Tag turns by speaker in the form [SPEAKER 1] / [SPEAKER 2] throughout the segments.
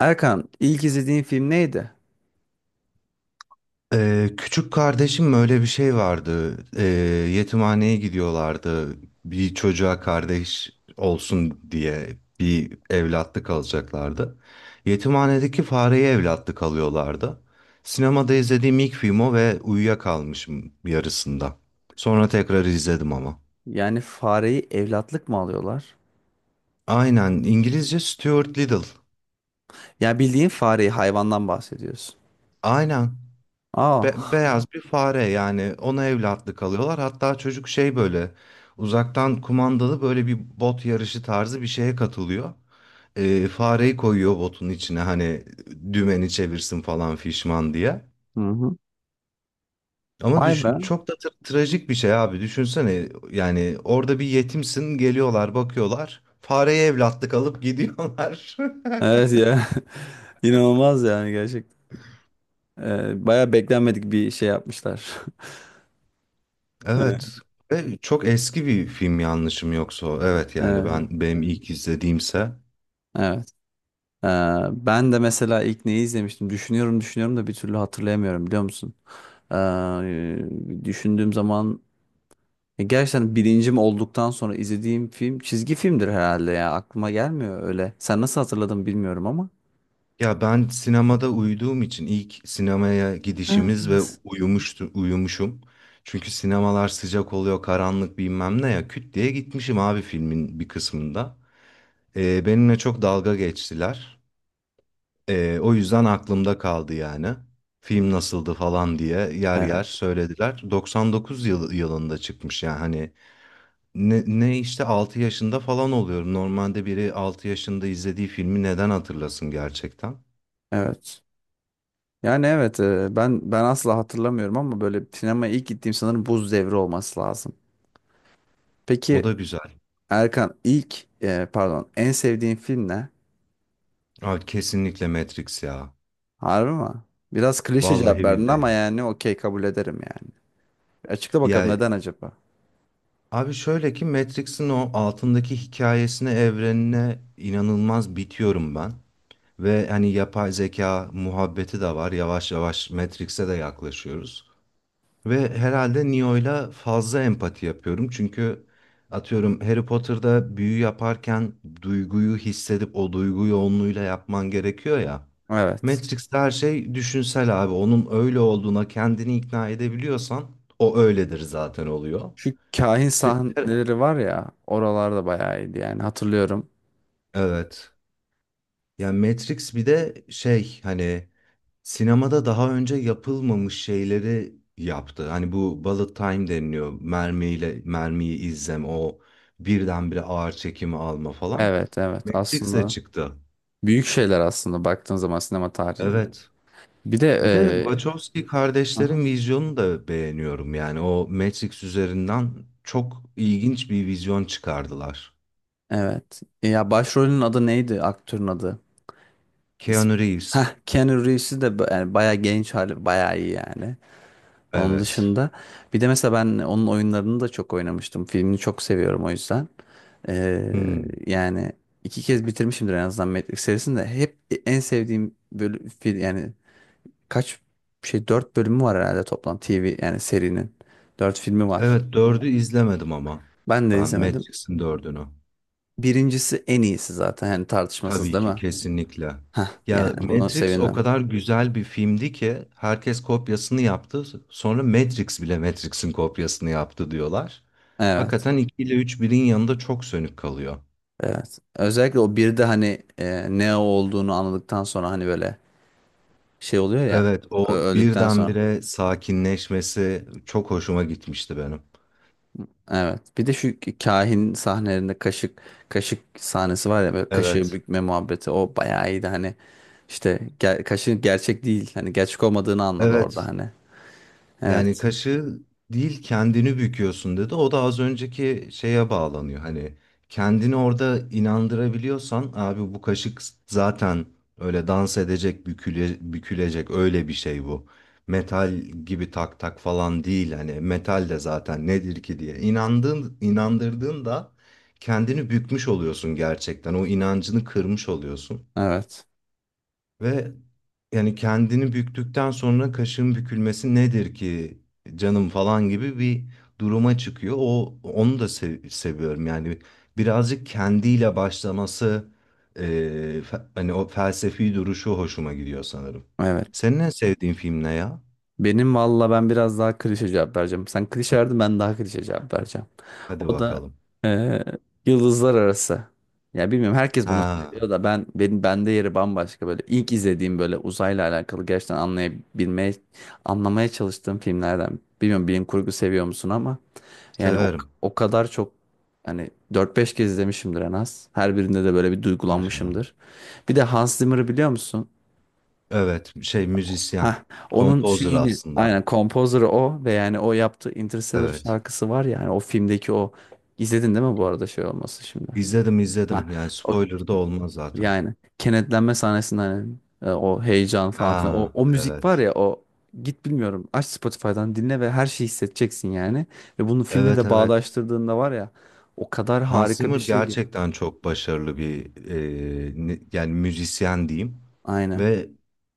[SPEAKER 1] Erkan, ilk izlediğin film neydi?
[SPEAKER 2] Küçük kardeşim öyle bir şey vardı. Yetimhaneye gidiyorlardı. Bir çocuğa kardeş olsun diye bir evlatlık alacaklardı. Yetimhanedeki fareye evlatlık alıyorlardı. Sinemada izlediğim ilk film o ve uyuyakalmışım yarısında. Sonra tekrar izledim ama.
[SPEAKER 1] Yani fareyi evlatlık mı alıyorlar?
[SPEAKER 2] Aynen, İngilizce Stuart Little.
[SPEAKER 1] Yani bildiğin fareyi hayvandan bahsediyorsun.
[SPEAKER 2] Aynen.
[SPEAKER 1] Aa.
[SPEAKER 2] Beyaz bir fare, yani ona evlatlık alıyorlar. Hatta çocuk şey böyle uzaktan kumandalı böyle bir bot yarışı tarzı bir şeye katılıyor. Fareyi koyuyor botun içine, hani dümeni çevirsin falan fişman diye.
[SPEAKER 1] Hı hı.
[SPEAKER 2] Ama
[SPEAKER 1] Vay be.
[SPEAKER 2] çok da trajik bir şey abi, düşünsene, yani orada bir yetimsin, geliyorlar bakıyorlar fareye evlatlık alıp gidiyorlar.
[SPEAKER 1] Evet ya. İnanılmaz yani gerçekten. Baya beklenmedik bir şey yapmışlar. Evet.
[SPEAKER 2] Evet. Ve çok eski bir film yanlışım yoksa. O. Evet, yani
[SPEAKER 1] Evet.
[SPEAKER 2] ben, benim ilk izlediğimse.
[SPEAKER 1] Evet. Ee, Ben de mesela ilk neyi izlemiştim? Düşünüyorum düşünüyorum da bir türlü hatırlayamıyorum biliyor musun? Ee, Düşündüğüm zaman ya gerçekten bilincim olduktan sonra izlediğim film çizgi filmdir herhalde ya. Aklıma gelmiyor öyle. Sen nasıl hatırladın bilmiyorum ama.
[SPEAKER 2] Ya ben sinemada uyuduğum için ilk sinemaya
[SPEAKER 1] Ha,
[SPEAKER 2] gidişimiz ve
[SPEAKER 1] s-
[SPEAKER 2] uyumuşum. Çünkü sinemalar sıcak oluyor, karanlık bilmem ne ya. Küt diye gitmişim abi filmin bir kısmında. Benimle çok dalga geçtiler. O yüzden aklımda kaldı yani. Film nasıldı falan diye yer yer
[SPEAKER 1] evet.
[SPEAKER 2] söylediler. 99 yılında çıkmış, yani hani ne işte 6 yaşında falan oluyorum. Normalde biri 6 yaşında izlediği filmi neden hatırlasın gerçekten?
[SPEAKER 1] Evet. Yani evet ben asla hatırlamıyorum ama böyle sinemaya ilk gittiğim sanırım Buz Devri olması lazım.
[SPEAKER 2] O
[SPEAKER 1] Peki
[SPEAKER 2] da güzel.
[SPEAKER 1] Erkan, ilk pardon, en sevdiğin film ne?
[SPEAKER 2] Abi kesinlikle Matrix ya.
[SPEAKER 1] Harbi mi? Biraz klişe cevap
[SPEAKER 2] Vallahi
[SPEAKER 1] verdin ama
[SPEAKER 2] billahi.
[SPEAKER 1] yani okey, kabul ederim yani. Açıkla bakalım
[SPEAKER 2] Ya
[SPEAKER 1] neden acaba?
[SPEAKER 2] abi şöyle ki, Matrix'in o altındaki hikayesine, evrenine inanılmaz bitiyorum ben. Ve hani yapay zeka muhabbeti de var. Yavaş yavaş Matrix'e de yaklaşıyoruz. Ve herhalde Neo'yla fazla empati yapıyorum. Çünkü atıyorum Harry Potter'da büyü yaparken duyguyu hissedip o duygu yoğunluğuyla yapman gerekiyor ya.
[SPEAKER 1] Evet.
[SPEAKER 2] Matrix'te her şey düşünsel abi. Onun öyle olduğuna kendini ikna edebiliyorsan o öyledir zaten oluyor.
[SPEAKER 1] Şu kahin
[SPEAKER 2] Ve-
[SPEAKER 1] sahneleri var ya, oralarda bayağı iyiydi yani, hatırlıyorum.
[SPEAKER 2] Evet. Yani Matrix bir de şey, hani sinemada daha önce yapılmamış şeyleri yaptı. Hani bu bullet time deniliyor. Mermiyle mermiyi o birdenbire ağır çekimi alma falan.
[SPEAKER 1] Evet, evet,
[SPEAKER 2] Matrix'e
[SPEAKER 1] aslında
[SPEAKER 2] çıktı.
[SPEAKER 1] büyük şeyler aslında baktığın zaman sinema tarihinde.
[SPEAKER 2] Evet.
[SPEAKER 1] Bir de
[SPEAKER 2] Bir de Wachowski
[SPEAKER 1] aha.
[SPEAKER 2] kardeşlerin vizyonunu da beğeniyorum. Yani o Matrix üzerinden çok ilginç bir vizyon çıkardılar.
[SPEAKER 1] Evet. Ya başrolün adı neydi, aktörün adı? İsm
[SPEAKER 2] Keanu Reeves.
[SPEAKER 1] Heh, Keanu Reeves'i de, yani bayağı genç hali bayağı iyi yani. Onun
[SPEAKER 2] Evet.
[SPEAKER 1] dışında bir de mesela ben onun oyunlarını da çok oynamıştım. Filmini çok seviyorum o yüzden. E,
[SPEAKER 2] Hmm.
[SPEAKER 1] Yani iki kez bitirmişimdir en azından Matrix serisini de, hep en sevdiğim böyle yani kaç dört bölümü var herhalde toplam TV, yani serinin. Dört filmi var.
[SPEAKER 2] Evet, dördü izlemedim ama.
[SPEAKER 1] Ben de
[SPEAKER 2] Ben
[SPEAKER 1] izlemedim.
[SPEAKER 2] Matrix'in dördünü.
[SPEAKER 1] Birincisi en iyisi zaten yani, tartışmasız
[SPEAKER 2] Tabii
[SPEAKER 1] değil
[SPEAKER 2] ki,
[SPEAKER 1] mi?
[SPEAKER 2] kesinlikle.
[SPEAKER 1] Heh,
[SPEAKER 2] Ya
[SPEAKER 1] yani bunu
[SPEAKER 2] Matrix o
[SPEAKER 1] sevindim.
[SPEAKER 2] kadar güzel bir filmdi ki herkes kopyasını yaptı. Sonra Matrix bile Matrix'in kopyasını yaptı diyorlar.
[SPEAKER 1] Evet.
[SPEAKER 2] Hakikaten 2 ile 3 birin yanında çok sönük kalıyor.
[SPEAKER 1] Evet. Özellikle o bir de hani ne olduğunu anladıktan sonra hani böyle şey oluyor ya,
[SPEAKER 2] Evet, o
[SPEAKER 1] öldükten sonra.
[SPEAKER 2] birdenbire sakinleşmesi çok hoşuma gitmişti benim.
[SPEAKER 1] Evet. Bir de şu kahin sahnelerinde kaşık sahnesi var ya, böyle kaşığı
[SPEAKER 2] Evet.
[SPEAKER 1] bükme muhabbeti, o bayağı iyiydi hani, işte kaşığın gerçek değil, hani gerçek olmadığını anladı orada
[SPEAKER 2] Evet.
[SPEAKER 1] hani.
[SPEAKER 2] Yani
[SPEAKER 1] Evet.
[SPEAKER 2] kaşı değil, kendini büküyorsun dedi. O da az önceki şeye bağlanıyor. Hani kendini orada inandırabiliyorsan abi, bu kaşık zaten öyle dans edecek, büküle, bükülecek, öyle bir şey bu. Metal gibi tak tak falan değil. Hani metal de zaten nedir ki diye inandığın, inandırdığında kendini bükmüş oluyorsun gerçekten. O inancını kırmış oluyorsun.
[SPEAKER 1] Evet.
[SPEAKER 2] Ve yani kendini büktükten sonra kaşın bükülmesi nedir ki canım falan gibi bir duruma çıkıyor. O, onu da seviyorum. Yani birazcık kendiyle başlaması, e, hani o felsefi duruşu hoşuma gidiyor sanırım.
[SPEAKER 1] Evet.
[SPEAKER 2] Senin en sevdiğin film ne ya?
[SPEAKER 1] Benim valla, ben biraz daha klişe cevap vereceğim. Sen klişe verdin, ben daha klişe cevap vereceğim.
[SPEAKER 2] Hadi
[SPEAKER 1] O da
[SPEAKER 2] bakalım.
[SPEAKER 1] eee, yıldızlar arası. Ya bilmiyorum, herkes bunu
[SPEAKER 2] Ha,
[SPEAKER 1] söylüyor da ben, bende yeri bambaşka, böyle ilk izlediğim böyle uzayla alakalı gerçekten anlayabilmeye, anlamaya çalıştığım filmlerden. Bilmiyorum bilim kurgu seviyor musun ama yani
[SPEAKER 2] severim.
[SPEAKER 1] o kadar çok hani dört beş kez izlemişimdir en az. Her birinde de böyle bir
[SPEAKER 2] Maşallah.
[SPEAKER 1] duygulanmışımdır. Bir de Hans Zimmer'ı biliyor musun?
[SPEAKER 2] Evet, şey, müzisyen,
[SPEAKER 1] Hah, onun
[SPEAKER 2] kompozör
[SPEAKER 1] şeyini
[SPEAKER 2] aslında.
[SPEAKER 1] aynen, kompozörü o ve yani o yaptığı Interstellar
[SPEAKER 2] Evet.
[SPEAKER 1] şarkısı var ya, yani o filmdeki o izledin değil mi bu arada, şey olması şimdi?
[SPEAKER 2] İzledim
[SPEAKER 1] Ha,
[SPEAKER 2] izledim. Yani
[SPEAKER 1] o
[SPEAKER 2] spoiler da olmaz zaten.
[SPEAKER 1] yani kenetlenme sahnesinden hani, o heyecan falan filan
[SPEAKER 2] Ha,
[SPEAKER 1] o müzik var
[SPEAKER 2] evet.
[SPEAKER 1] ya, o git bilmiyorum aç Spotify'dan dinle ve her şeyi hissedeceksin yani, ve bunu filmle
[SPEAKER 2] Evet
[SPEAKER 1] de
[SPEAKER 2] evet.
[SPEAKER 1] bağdaştırdığında var ya, o kadar
[SPEAKER 2] Hans
[SPEAKER 1] harika bir
[SPEAKER 2] Zimmer
[SPEAKER 1] şey ki.
[SPEAKER 2] gerçekten çok başarılı bir yani müzisyen diyeyim,
[SPEAKER 1] Aynen.
[SPEAKER 2] ve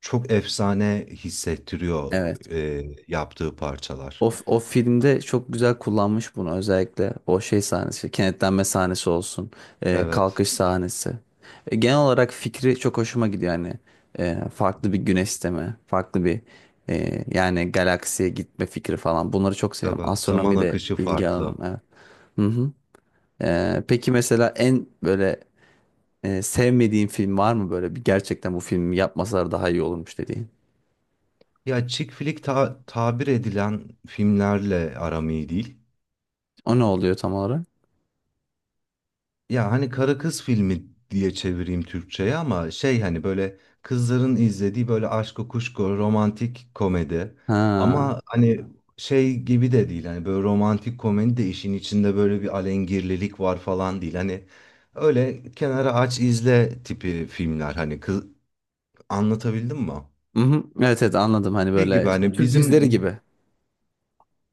[SPEAKER 2] çok efsane hissettiriyor
[SPEAKER 1] Evet.
[SPEAKER 2] e, yaptığı parçalar.
[SPEAKER 1] O filmde çok güzel kullanmış bunu, özellikle o şey sahnesi, kenetlenme sahnesi olsun,
[SPEAKER 2] Evet.
[SPEAKER 1] kalkış sahnesi. Genel olarak fikri çok hoşuma gidiyor yani. Farklı bir güneş sistemi, farklı bir yani galaksiye gitme fikri falan. Bunları çok seviyorum.
[SPEAKER 2] Evet. Zaman
[SPEAKER 1] Astronomi de
[SPEAKER 2] akışı
[SPEAKER 1] bilgi alanım.
[SPEAKER 2] farklı.
[SPEAKER 1] Evet. Hı hı. Peki mesela en böyle sevmediğin film var mı, böyle bir gerçekten bu filmi yapmasalar daha iyi olurmuş dediğin?
[SPEAKER 2] Ya chick flick tabir edilen filmlerle aram iyi değil.
[SPEAKER 1] O ne oluyor tam olarak?
[SPEAKER 2] Ya hani karı kız filmi diye çevireyim Türkçe'ye, ama şey, hani böyle kızların izlediği böyle aşko kuşko romantik komedi.
[SPEAKER 1] Ha.
[SPEAKER 2] Ama hani şey gibi de değil, hani böyle romantik komedi de işin içinde böyle bir alengirlilik var falan değil. Hani öyle kenara aç izle tipi filmler, hani kız, anlatabildim mi?
[SPEAKER 1] Hı hı. Evet, evet, anladım, hani
[SPEAKER 2] Şey gibi
[SPEAKER 1] böyle
[SPEAKER 2] hani
[SPEAKER 1] Türk
[SPEAKER 2] bizim
[SPEAKER 1] dizileri gibi.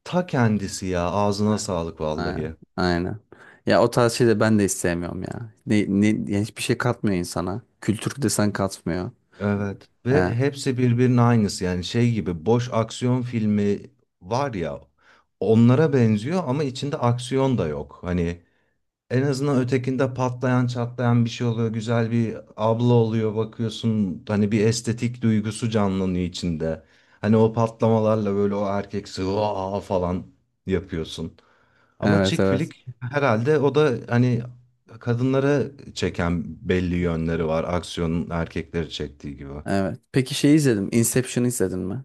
[SPEAKER 2] ta kendisi ya, ağzına
[SPEAKER 1] Ha.
[SPEAKER 2] sağlık
[SPEAKER 1] Aynen.
[SPEAKER 2] vallahi.
[SPEAKER 1] Aynen. Ya o tarz şeyleri ben de istemiyorum ya. Yani hiçbir şey katmıyor insana. Kültür desen katmıyor.
[SPEAKER 2] Evet,
[SPEAKER 1] He.
[SPEAKER 2] ve hepsi birbirinin aynısı, yani şey gibi boş aksiyon filmi var ya, onlara benziyor ama içinde aksiyon da yok. Hani en azından ötekinde patlayan çatlayan bir şey oluyor, güzel bir abla oluyor bakıyorsun, hani bir estetik duygusu canlanıyor içinde. Hani o patlamalarla böyle o erkeksi "Vaa!" falan yapıyorsun. Ama
[SPEAKER 1] Evet,
[SPEAKER 2] chick
[SPEAKER 1] evet.
[SPEAKER 2] flick herhalde o da hani kadınlara çeken belli yönleri var, aksiyonun erkekleri çektiği gibi.
[SPEAKER 1] Evet. Peki şey, izledim Inception'ı, izledin mi?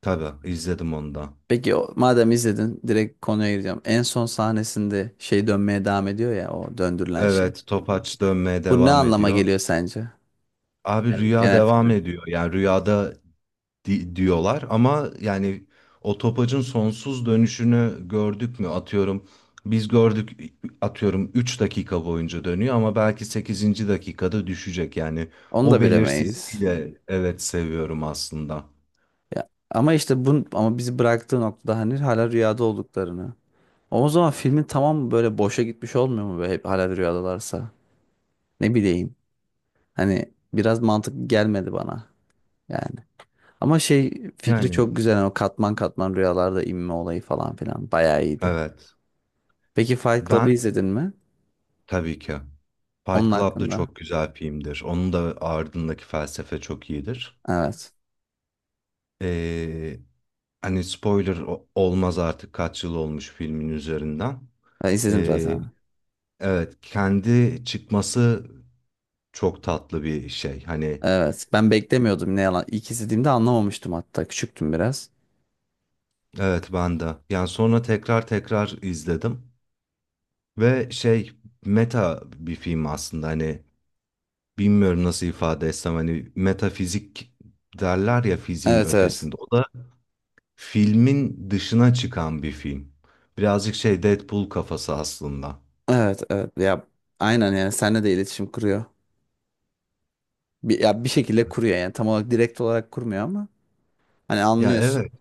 [SPEAKER 2] Tabii, izledim onu da.
[SPEAKER 1] Peki o, madem izledin, direkt konuya gireceğim. En son sahnesinde şey dönmeye devam ediyor ya, o döndürülen şey.
[SPEAKER 2] Evet, Topaç dönmeye
[SPEAKER 1] Bu ne
[SPEAKER 2] devam
[SPEAKER 1] anlama
[SPEAKER 2] ediyor.
[SPEAKER 1] geliyor sence?
[SPEAKER 2] Abi
[SPEAKER 1] Yani
[SPEAKER 2] rüya
[SPEAKER 1] genel
[SPEAKER 2] devam
[SPEAKER 1] fikrin.
[SPEAKER 2] ediyor. Yani rüyada diyorlar ama, yani o topacın sonsuz dönüşünü gördük mü? Atıyorum biz gördük, atıyorum 3 dakika boyunca dönüyor ama belki sekizinci dakikada düşecek. Yani
[SPEAKER 1] Onu
[SPEAKER 2] o
[SPEAKER 1] da
[SPEAKER 2] belirsizliği
[SPEAKER 1] bilemeyiz.
[SPEAKER 2] de evet seviyorum aslında.
[SPEAKER 1] Ya, ama işte bu, ama bizi bıraktığı noktada hani hala rüyada olduklarını. O zaman filmin, tamam böyle boşa gitmiş olmuyor mu, böyle hep hala rüyadalarsa? Ne bileyim. Hani biraz mantıklı gelmedi bana yani. Ama şey, fikri
[SPEAKER 2] Yani
[SPEAKER 1] çok güzel. Yani o katman katman rüyalarda inme olayı falan filan bayağı iyiydi.
[SPEAKER 2] evet,
[SPEAKER 1] Peki Fight
[SPEAKER 2] ben
[SPEAKER 1] Club'ı izledin mi?
[SPEAKER 2] tabii ki Fight
[SPEAKER 1] Onun
[SPEAKER 2] Club da
[SPEAKER 1] hakkında.
[SPEAKER 2] çok güzel filmdir. Onun da ardındaki felsefe çok iyidir.
[SPEAKER 1] Evet.
[SPEAKER 2] Ee, hani spoiler olmaz artık, kaç yıl olmuş filmin üzerinden.
[SPEAKER 1] Ben izledim
[SPEAKER 2] Ee,
[SPEAKER 1] zaten.
[SPEAKER 2] evet, kendi çıkması çok tatlı bir şey. Hani
[SPEAKER 1] Evet. Ben beklemiyordum, ne yalan. İlk izlediğimde anlamamıştım hatta. Küçüktüm biraz.
[SPEAKER 2] evet, ben de. Yani sonra tekrar tekrar izledim. Ve şey, meta bir film aslında, hani bilmiyorum nasıl ifade etsem, hani metafizik derler ya, fiziğin
[SPEAKER 1] Evet, evet.
[SPEAKER 2] ötesinde. O da filmin dışına çıkan bir film. Birazcık şey Deadpool kafası aslında.
[SPEAKER 1] Evet, evet. Ya aynen, yani seninle de iletişim kuruyor. Bir, ya bir şekilde kuruyor yani, tam olarak direkt olarak kurmuyor ama. Hani
[SPEAKER 2] Ya
[SPEAKER 1] anlıyorsun.
[SPEAKER 2] evet.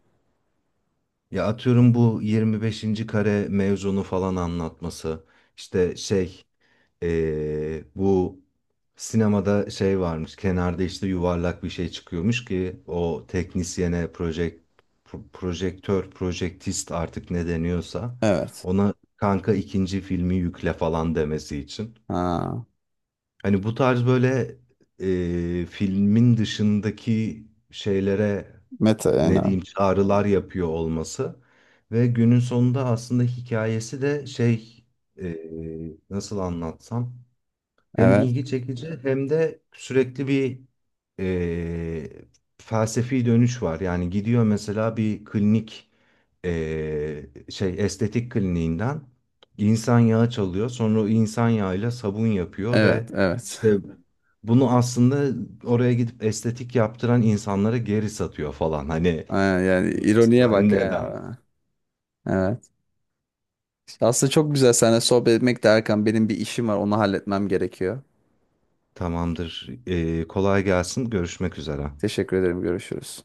[SPEAKER 2] Ya atıyorum bu 25. kare mevzunu falan anlatması. İşte şey bu sinemada şey varmış. Kenarda işte yuvarlak bir şey çıkıyormuş ki o teknisyene projektör, projektist artık ne deniyorsa
[SPEAKER 1] Evet.
[SPEAKER 2] ona kanka ikinci filmi yükle falan demesi için.
[SPEAKER 1] Ha.
[SPEAKER 2] Hani bu tarz böyle filmin dışındaki şeylere
[SPEAKER 1] Meta yani.
[SPEAKER 2] ne diyeyim çağrılar yapıyor olması, ve günün sonunda aslında hikayesi de şey, e, nasıl anlatsam, hem
[SPEAKER 1] Evet.
[SPEAKER 2] ilgi çekici hem de sürekli bir e, felsefi dönüş var. Yani gidiyor mesela bir klinik, şey estetik kliniğinden insan yağı çalıyor. Sonra o insan yağıyla sabun yapıyor
[SPEAKER 1] Evet.
[SPEAKER 2] ve
[SPEAKER 1] Evet.
[SPEAKER 2] işte bunu aslında oraya gidip estetik yaptıran insanlara geri satıyor falan. Hani
[SPEAKER 1] Ha, yani ironiye bak
[SPEAKER 2] neden?
[SPEAKER 1] yani. Evet. Aslında çok güzel seninle sohbet etmek de Erkan. Benim bir işim var. Onu halletmem gerekiyor.
[SPEAKER 2] Tamamdır. E, kolay gelsin. Görüşmek üzere.
[SPEAKER 1] Teşekkür ederim. Görüşürüz.